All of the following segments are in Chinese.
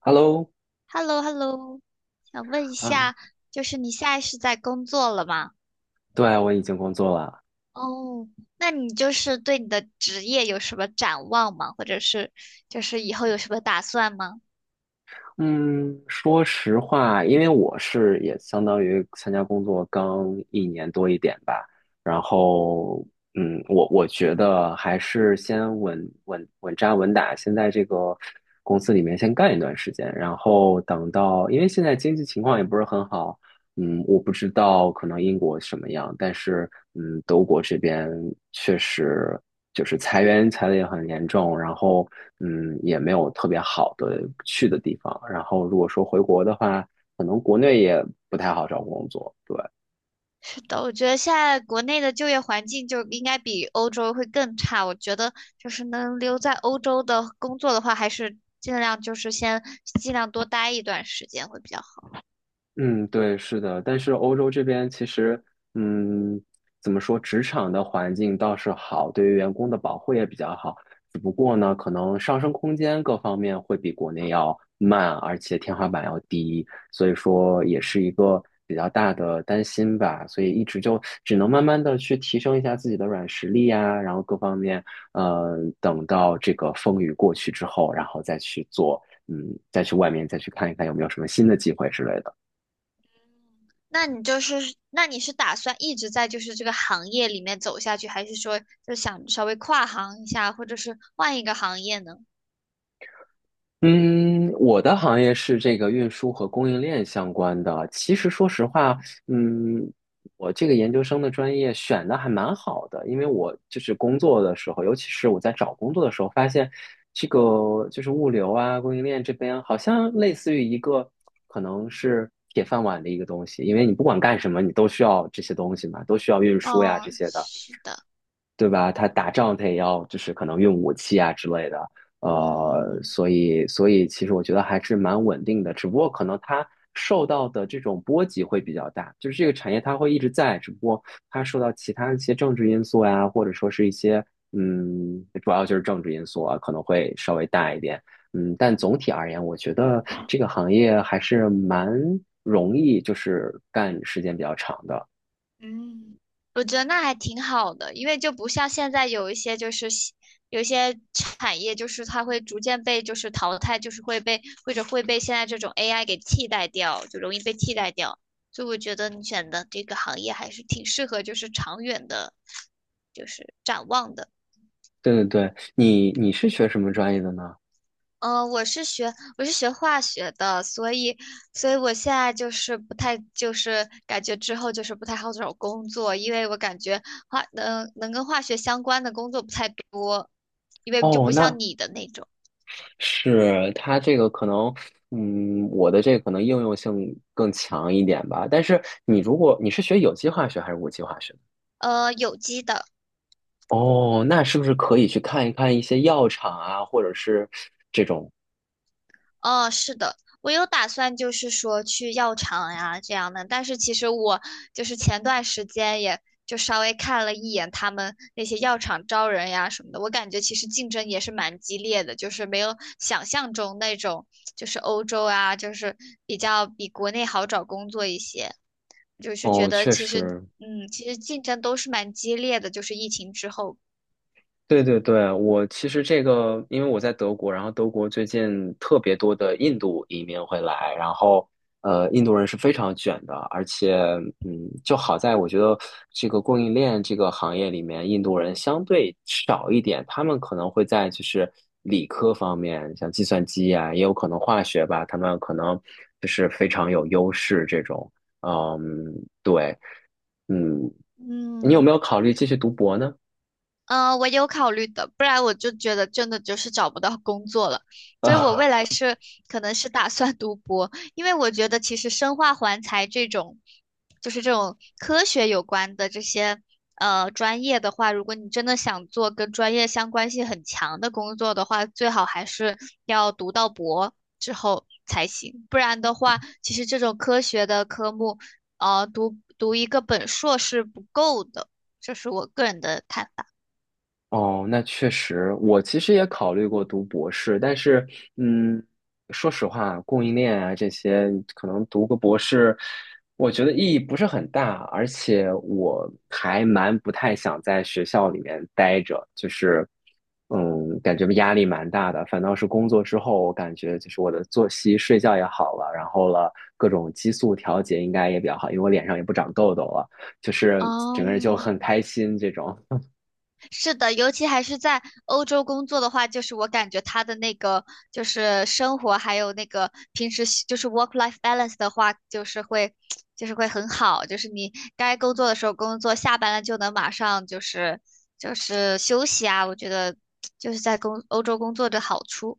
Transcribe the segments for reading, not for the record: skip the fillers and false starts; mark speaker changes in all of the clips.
Speaker 1: Hello，
Speaker 2: h e l l o h e l l o 想问一
Speaker 1: 啊，
Speaker 2: 下，就是你现在是在工作了吗？
Speaker 1: 对啊，我已经工作了。
Speaker 2: 哦，那你就是对你的职业有什么展望吗？或者是就是以后有什么打算吗？
Speaker 1: 嗯，说实话，因为我是也相当于参加工作刚一年多一点吧，然后，我觉得还是先稳扎稳打，先在这个公司里面先干一段时间，然后等到，因为现在经济情况也不是很好，我不知道可能英国什么样，但是德国这边确实就是裁员裁的也很严重，然后也没有特别好的去的地方。然后如果说回国的话，可能国内也不太好找工作，对。
Speaker 2: 是的，我觉得现在国内的就业环境就应该比欧洲会更差。我觉得就是能留在欧洲的工作的话，还是尽量就是先尽量多待一段时间会比较好。
Speaker 1: 嗯，对，是的，但是欧洲这边其实，嗯，怎么说，职场的环境倒是好，对于员工的保护也比较好，只不过呢，可能上升空间各方面会比国内要慢，而且天花板要低，所以说也是一个比较大的担心吧，所以一直就只能慢慢的去提升一下自己的软实力呀，然后各方面，等到这个风雨过去之后，然后再去做，再去外面再去看一看有没有什么新的机会之类的。
Speaker 2: 那你就是，那你是打算一直在就是这个行业里面走下去，还是说就想稍微跨行一下，或者是换一个行业呢？
Speaker 1: 嗯，我的行业是这个运输和供应链相关的。其实说实话，嗯，我这个研究生的专业选的还蛮好的，因为我就是工作的时候，尤其是我在找工作的时候，发现这个就是物流啊、供应链这边好像类似于一个可能是铁饭碗的一个东西，因为你不管干什么，你都需要这些东西嘛，都需要运输呀
Speaker 2: 哦，
Speaker 1: 这些的。
Speaker 2: 是的。
Speaker 1: 对吧？他打仗他也要就是可能用武器啊之类的，呃，
Speaker 2: 嗯。
Speaker 1: 所以所以其实我觉得还是蛮稳定的，只不过可能它受到的这种波及会比较大，就是这个产业它会一直在，只不过它受到其他一些政治因素呀，或者说是一些主要就是政治因素啊，可能会稍微大一点，但总体而言，我觉得这个行业还是蛮容易，就是干时间比较长的。
Speaker 2: 嗯，我觉得那还挺好的，因为就不像现在有一些就是西有一些产业，就是它会逐渐被就是淘汰，就是会被或者会被现在这种 AI 给替代掉，就容易被替代掉。所以我觉得你选的这个行业还是挺适合，就是长远的，就是展望的。
Speaker 1: 对对对，你是学什么专业的呢？
Speaker 2: 嗯，我是学我是学化学的，所以所以我现在就是不太就是感觉之后就是不太好找工作，因为我感觉化能能跟化学相关的工作不太多，因为就
Speaker 1: 哦，
Speaker 2: 不像
Speaker 1: 那
Speaker 2: 你的那种，
Speaker 1: 是它这个可能，我的这个可能应用性更强一点吧。但是你如果你是学有机化学还是无机化学
Speaker 2: 有机的。
Speaker 1: 哦，那是不是可以去看一看一些药厂啊，或者是这种？
Speaker 2: 哦，是的，我有打算，就是说去药厂呀这样的。但是其实我就是前段时间也就稍微看了一眼他们那些药厂招人呀什么的，我感觉其实竞争也是蛮激烈的，就是没有想象中那种，就是欧洲啊，就是比较比国内好找工作一些。就是觉
Speaker 1: 哦，
Speaker 2: 得
Speaker 1: 确
Speaker 2: 其实，
Speaker 1: 实，
Speaker 2: 嗯，其实竞争都是蛮激烈的，就是疫情之后。
Speaker 1: 对对对，我其实这个，因为我在德国，然后德国最近特别多的印度移民会来，然后印度人是非常卷的，而且就好在我觉得这个供应链这个行业里面，印度人相对少一点，他们可能会在就是理科方面，像计算机啊，也有可能化学吧，他们可能就是非常有优势这种，嗯，对，嗯，你有没
Speaker 2: 嗯。
Speaker 1: 有考虑继续读博呢？
Speaker 2: 嗯，我有考虑的，不然我就觉得真的就是找不到工作了，所以我未
Speaker 1: 啊？
Speaker 2: 来是可能是打算读博，因为我觉得其实生化环材这种，就是这种科学有关的这些专业的话，如果你真的想做跟专业相关性很强的工作的话，最好还是要读到博之后才行，不然的话，其实这种科学的科目，读读一个本硕是不够的，这是我个人的看法。
Speaker 1: 哦，那确实，我其实也考虑过读博士，但是，嗯，说实话，供应链啊这些，可能读个博士，我觉得意义不是很大，而且我还蛮不太想在学校里面待着，就是，感觉压力蛮大的。反倒是工作之后，我感觉就是我的作息、睡觉也好了，然后了各种激素调节应该也比较好，因为我脸上也不长痘痘了，就是整个人就
Speaker 2: 嗯，
Speaker 1: 很开心这种。
Speaker 2: 是的，尤其还是在欧洲工作的话，就是我感觉他的那个就是生活，还有那个平时习就是 work life balance 的话，就是会 就是会很好，就是你该工作的时候工作，下班了就能马上就是就是休息啊，我觉得 就是在工欧洲工作的好处。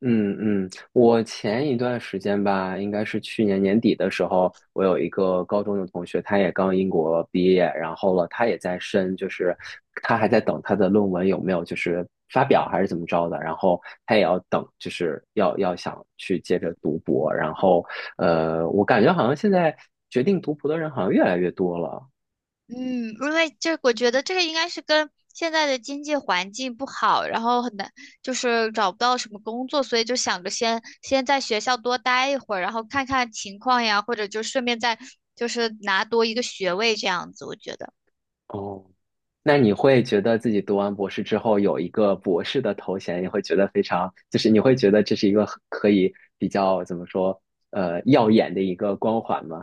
Speaker 1: 嗯嗯，我前一段时间吧，应该是去年年底的时候，我有一个高中的同学，他也刚英国毕业，然后了，他也在申，就是他还在等他的论文有没有就是发表还是怎么着的，然后他也要等，就是要想去接着读博，然后我感觉好像现在决定读博的人好像越来越多了。
Speaker 2: 嗯，因为这我觉得这个应该是跟现在的经济环境不好，然后很难，就是找不到什么工作，所以就想着先先在学校多待一会儿，然后看看情况呀，或者就顺便再就是拿多一个学位这样子，我觉得。
Speaker 1: 哦，那你会觉得自己读完博士之后有一个博士的头衔，你会觉得非常，就是你会觉得这是一个很可以比较怎么说，耀眼的一个光环吗？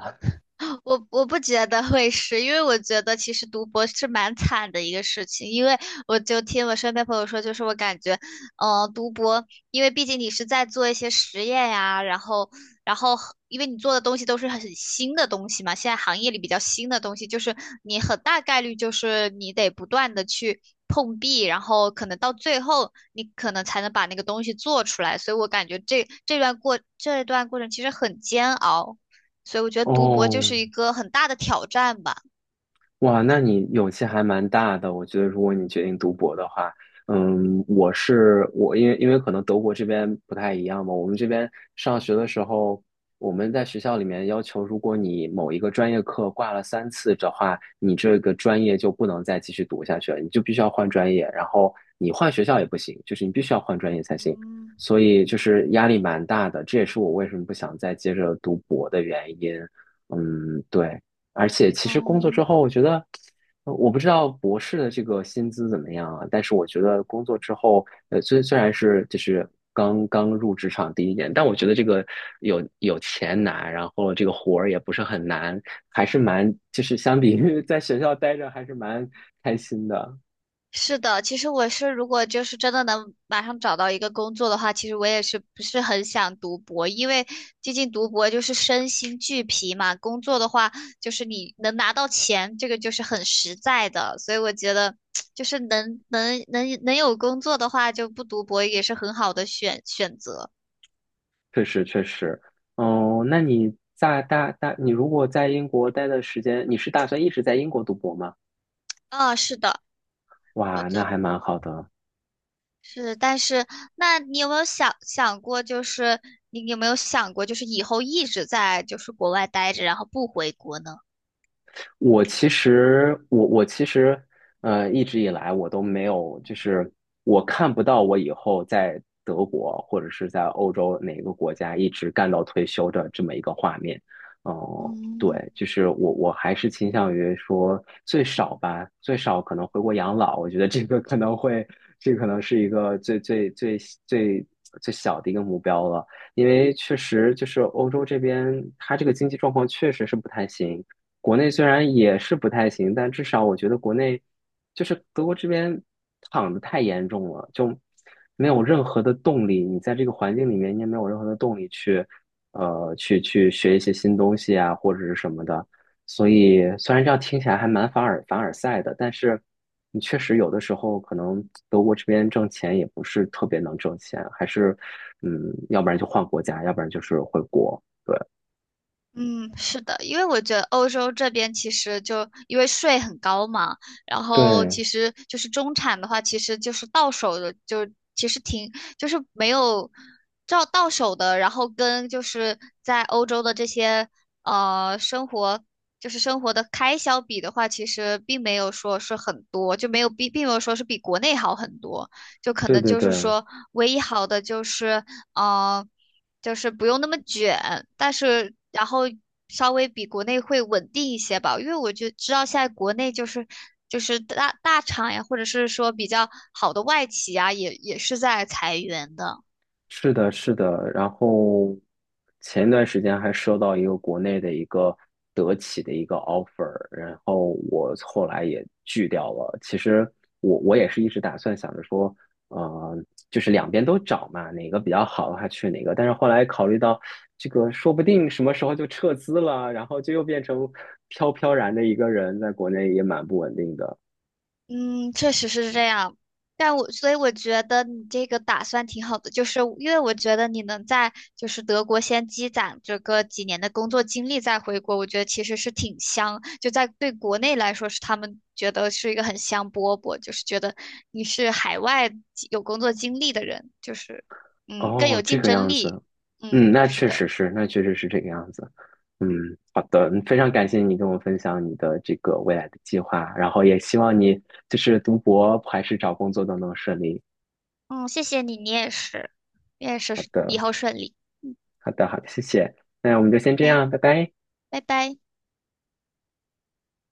Speaker 2: 我我不觉得会是，因为我觉得其实读博是蛮惨的一个事情，因为我就听我身边朋友说，就是我感觉，读博，因为毕竟你是在做一些实验呀、然后然后因为你做的东西都是很新的东西嘛，现在行业里比较新的东西，就是你很大概率就是你得不断的去碰壁，然后可能到最后你可能才能把那个东西做出来，所以我感觉这这段过这段过程其实很煎熬。所以我觉得读博就
Speaker 1: 哦，
Speaker 2: 是一个很大的挑战吧。
Speaker 1: 哇，那你勇气还蛮大的。我觉得，如果你决定读博的话，我是我，因为可能德国这边不太一样嘛。我们这边上学的时候，我们在学校里面要求，如果你某一个专业课挂了三次的话，你这个专业就不能再继续读下去了，你就必须要换专业，然后你换学校也不行，就是你必须要换专业才行。
Speaker 2: 嗯。
Speaker 1: 所以就是压力蛮大的，这也是我为什么不想再接着读博的原因。嗯，对。而且其实工作之
Speaker 2: 嗯，
Speaker 1: 后，我觉得，我不知道博士的这个薪资怎么样啊，但是我觉得工作之后，虽然是就是刚刚入职场第一年，但我觉得这个有钱拿，然后这个活儿也不是很难，还是蛮就是相比于 在学校待着还是蛮开心的，
Speaker 2: 是的，其实我是如果就是真的能马上找到一个工作的话，其实我也是不是很想读博，因为毕竟读博就是身心俱疲嘛，工作的话就是你能拿到钱，这个就是很实在的，所以我觉得 就是能能能能有工作的话，就不读博也是很好的选选择。
Speaker 1: 确实确实，哦，那你在你如果在英国待的时间，你是打算一直在英国读博吗？
Speaker 2: 啊，是的，我
Speaker 1: 哇，那
Speaker 2: 就。
Speaker 1: 还蛮好的。
Speaker 2: 是，但是那你有没有想想过，就是你有没有想过，就是以后一直在就是国外待着，然后不回国呢？
Speaker 1: 我其实，一直以来我都没有，就是我看不到我以后在德国或者是在欧洲哪个国家一直干到退休的这么一个画面。哦、
Speaker 2: 嗯。
Speaker 1: 对，就是我还是倾向于说最少吧，最少可能回国养老。我觉得这个可能会，这可能是一个最最小的一个目标了。因为确实就是欧洲这边，它这个经济状况确实是不太行。国内虽然也是不太行，但至少我觉得国内就是德国这边躺的太严重了，就没有任何的动力。你在这个环境里面，你也没有任何的动力去，去学一些新东西啊，或者是什么的。所以虽然这样听起来还蛮凡尔赛的，但是你确实有的时候可能德国这边挣钱也不是特别能挣钱，还是要不然就换国家，要不然就是回国。对，
Speaker 2: 嗯，是的，因为我觉得欧洲这边其实就因为税很高嘛，然后
Speaker 1: 对，
Speaker 2: 其实就是中产的话，其实就是到手的就其实挺就是没有照到手的，然后跟就是在欧洲的这些生活就是生活的开销比的话，其实并没有说是很多，就没有比并没有说是比国内好很多，就可
Speaker 1: 对
Speaker 2: 能
Speaker 1: 对
Speaker 2: 就是
Speaker 1: 对，
Speaker 2: 说唯一好的就是嗯。就是不用那么卷，但是然后稍微比国内会稳定一些吧，因为我就知道现在国内就是就是大大厂呀，或者是说比较好的外企呀，也也是在裁员的。
Speaker 1: 是的，是的。然后前一段时间还收到一个国内的一个德企的一个 offer，然后我后来也拒掉了。其实我也是一直打算想着说，呃，就是两边都找嘛，哪个比较好的话去哪个。但是后来考虑到这个，说不定什么时候就撤资了，然后就又变成飘飘然的一个人，在国内也蛮不稳定的。
Speaker 2: 嗯，确实是这样，但我所以我觉得你这个打算挺好的，就是因为我觉得你能在就是德国先积攒这个几年的工作经历再回国，我觉得其实是挺香，就在对国内来说是他们觉得是一个很香饽饽，就是觉得你是海外有工作经历的人，就是嗯更
Speaker 1: 哦，
Speaker 2: 有
Speaker 1: 这
Speaker 2: 竞
Speaker 1: 个
Speaker 2: 争
Speaker 1: 样
Speaker 2: 力，
Speaker 1: 子，嗯，
Speaker 2: 嗯
Speaker 1: 那
Speaker 2: 是
Speaker 1: 确
Speaker 2: 的，
Speaker 1: 实是，那确实是这个样子。嗯，好的，非常感谢你跟我分享你的这个未来的计划，然后也希望你就是读博还是找工作都能顺利。
Speaker 2: 嗯谢谢你，你也是，你也是
Speaker 1: 好
Speaker 2: 以
Speaker 1: 的，
Speaker 2: 后顺利，
Speaker 1: 好的，好的，谢谢。那我们就先这
Speaker 2: 哎，
Speaker 1: 样，拜拜。
Speaker 2: 拜拜。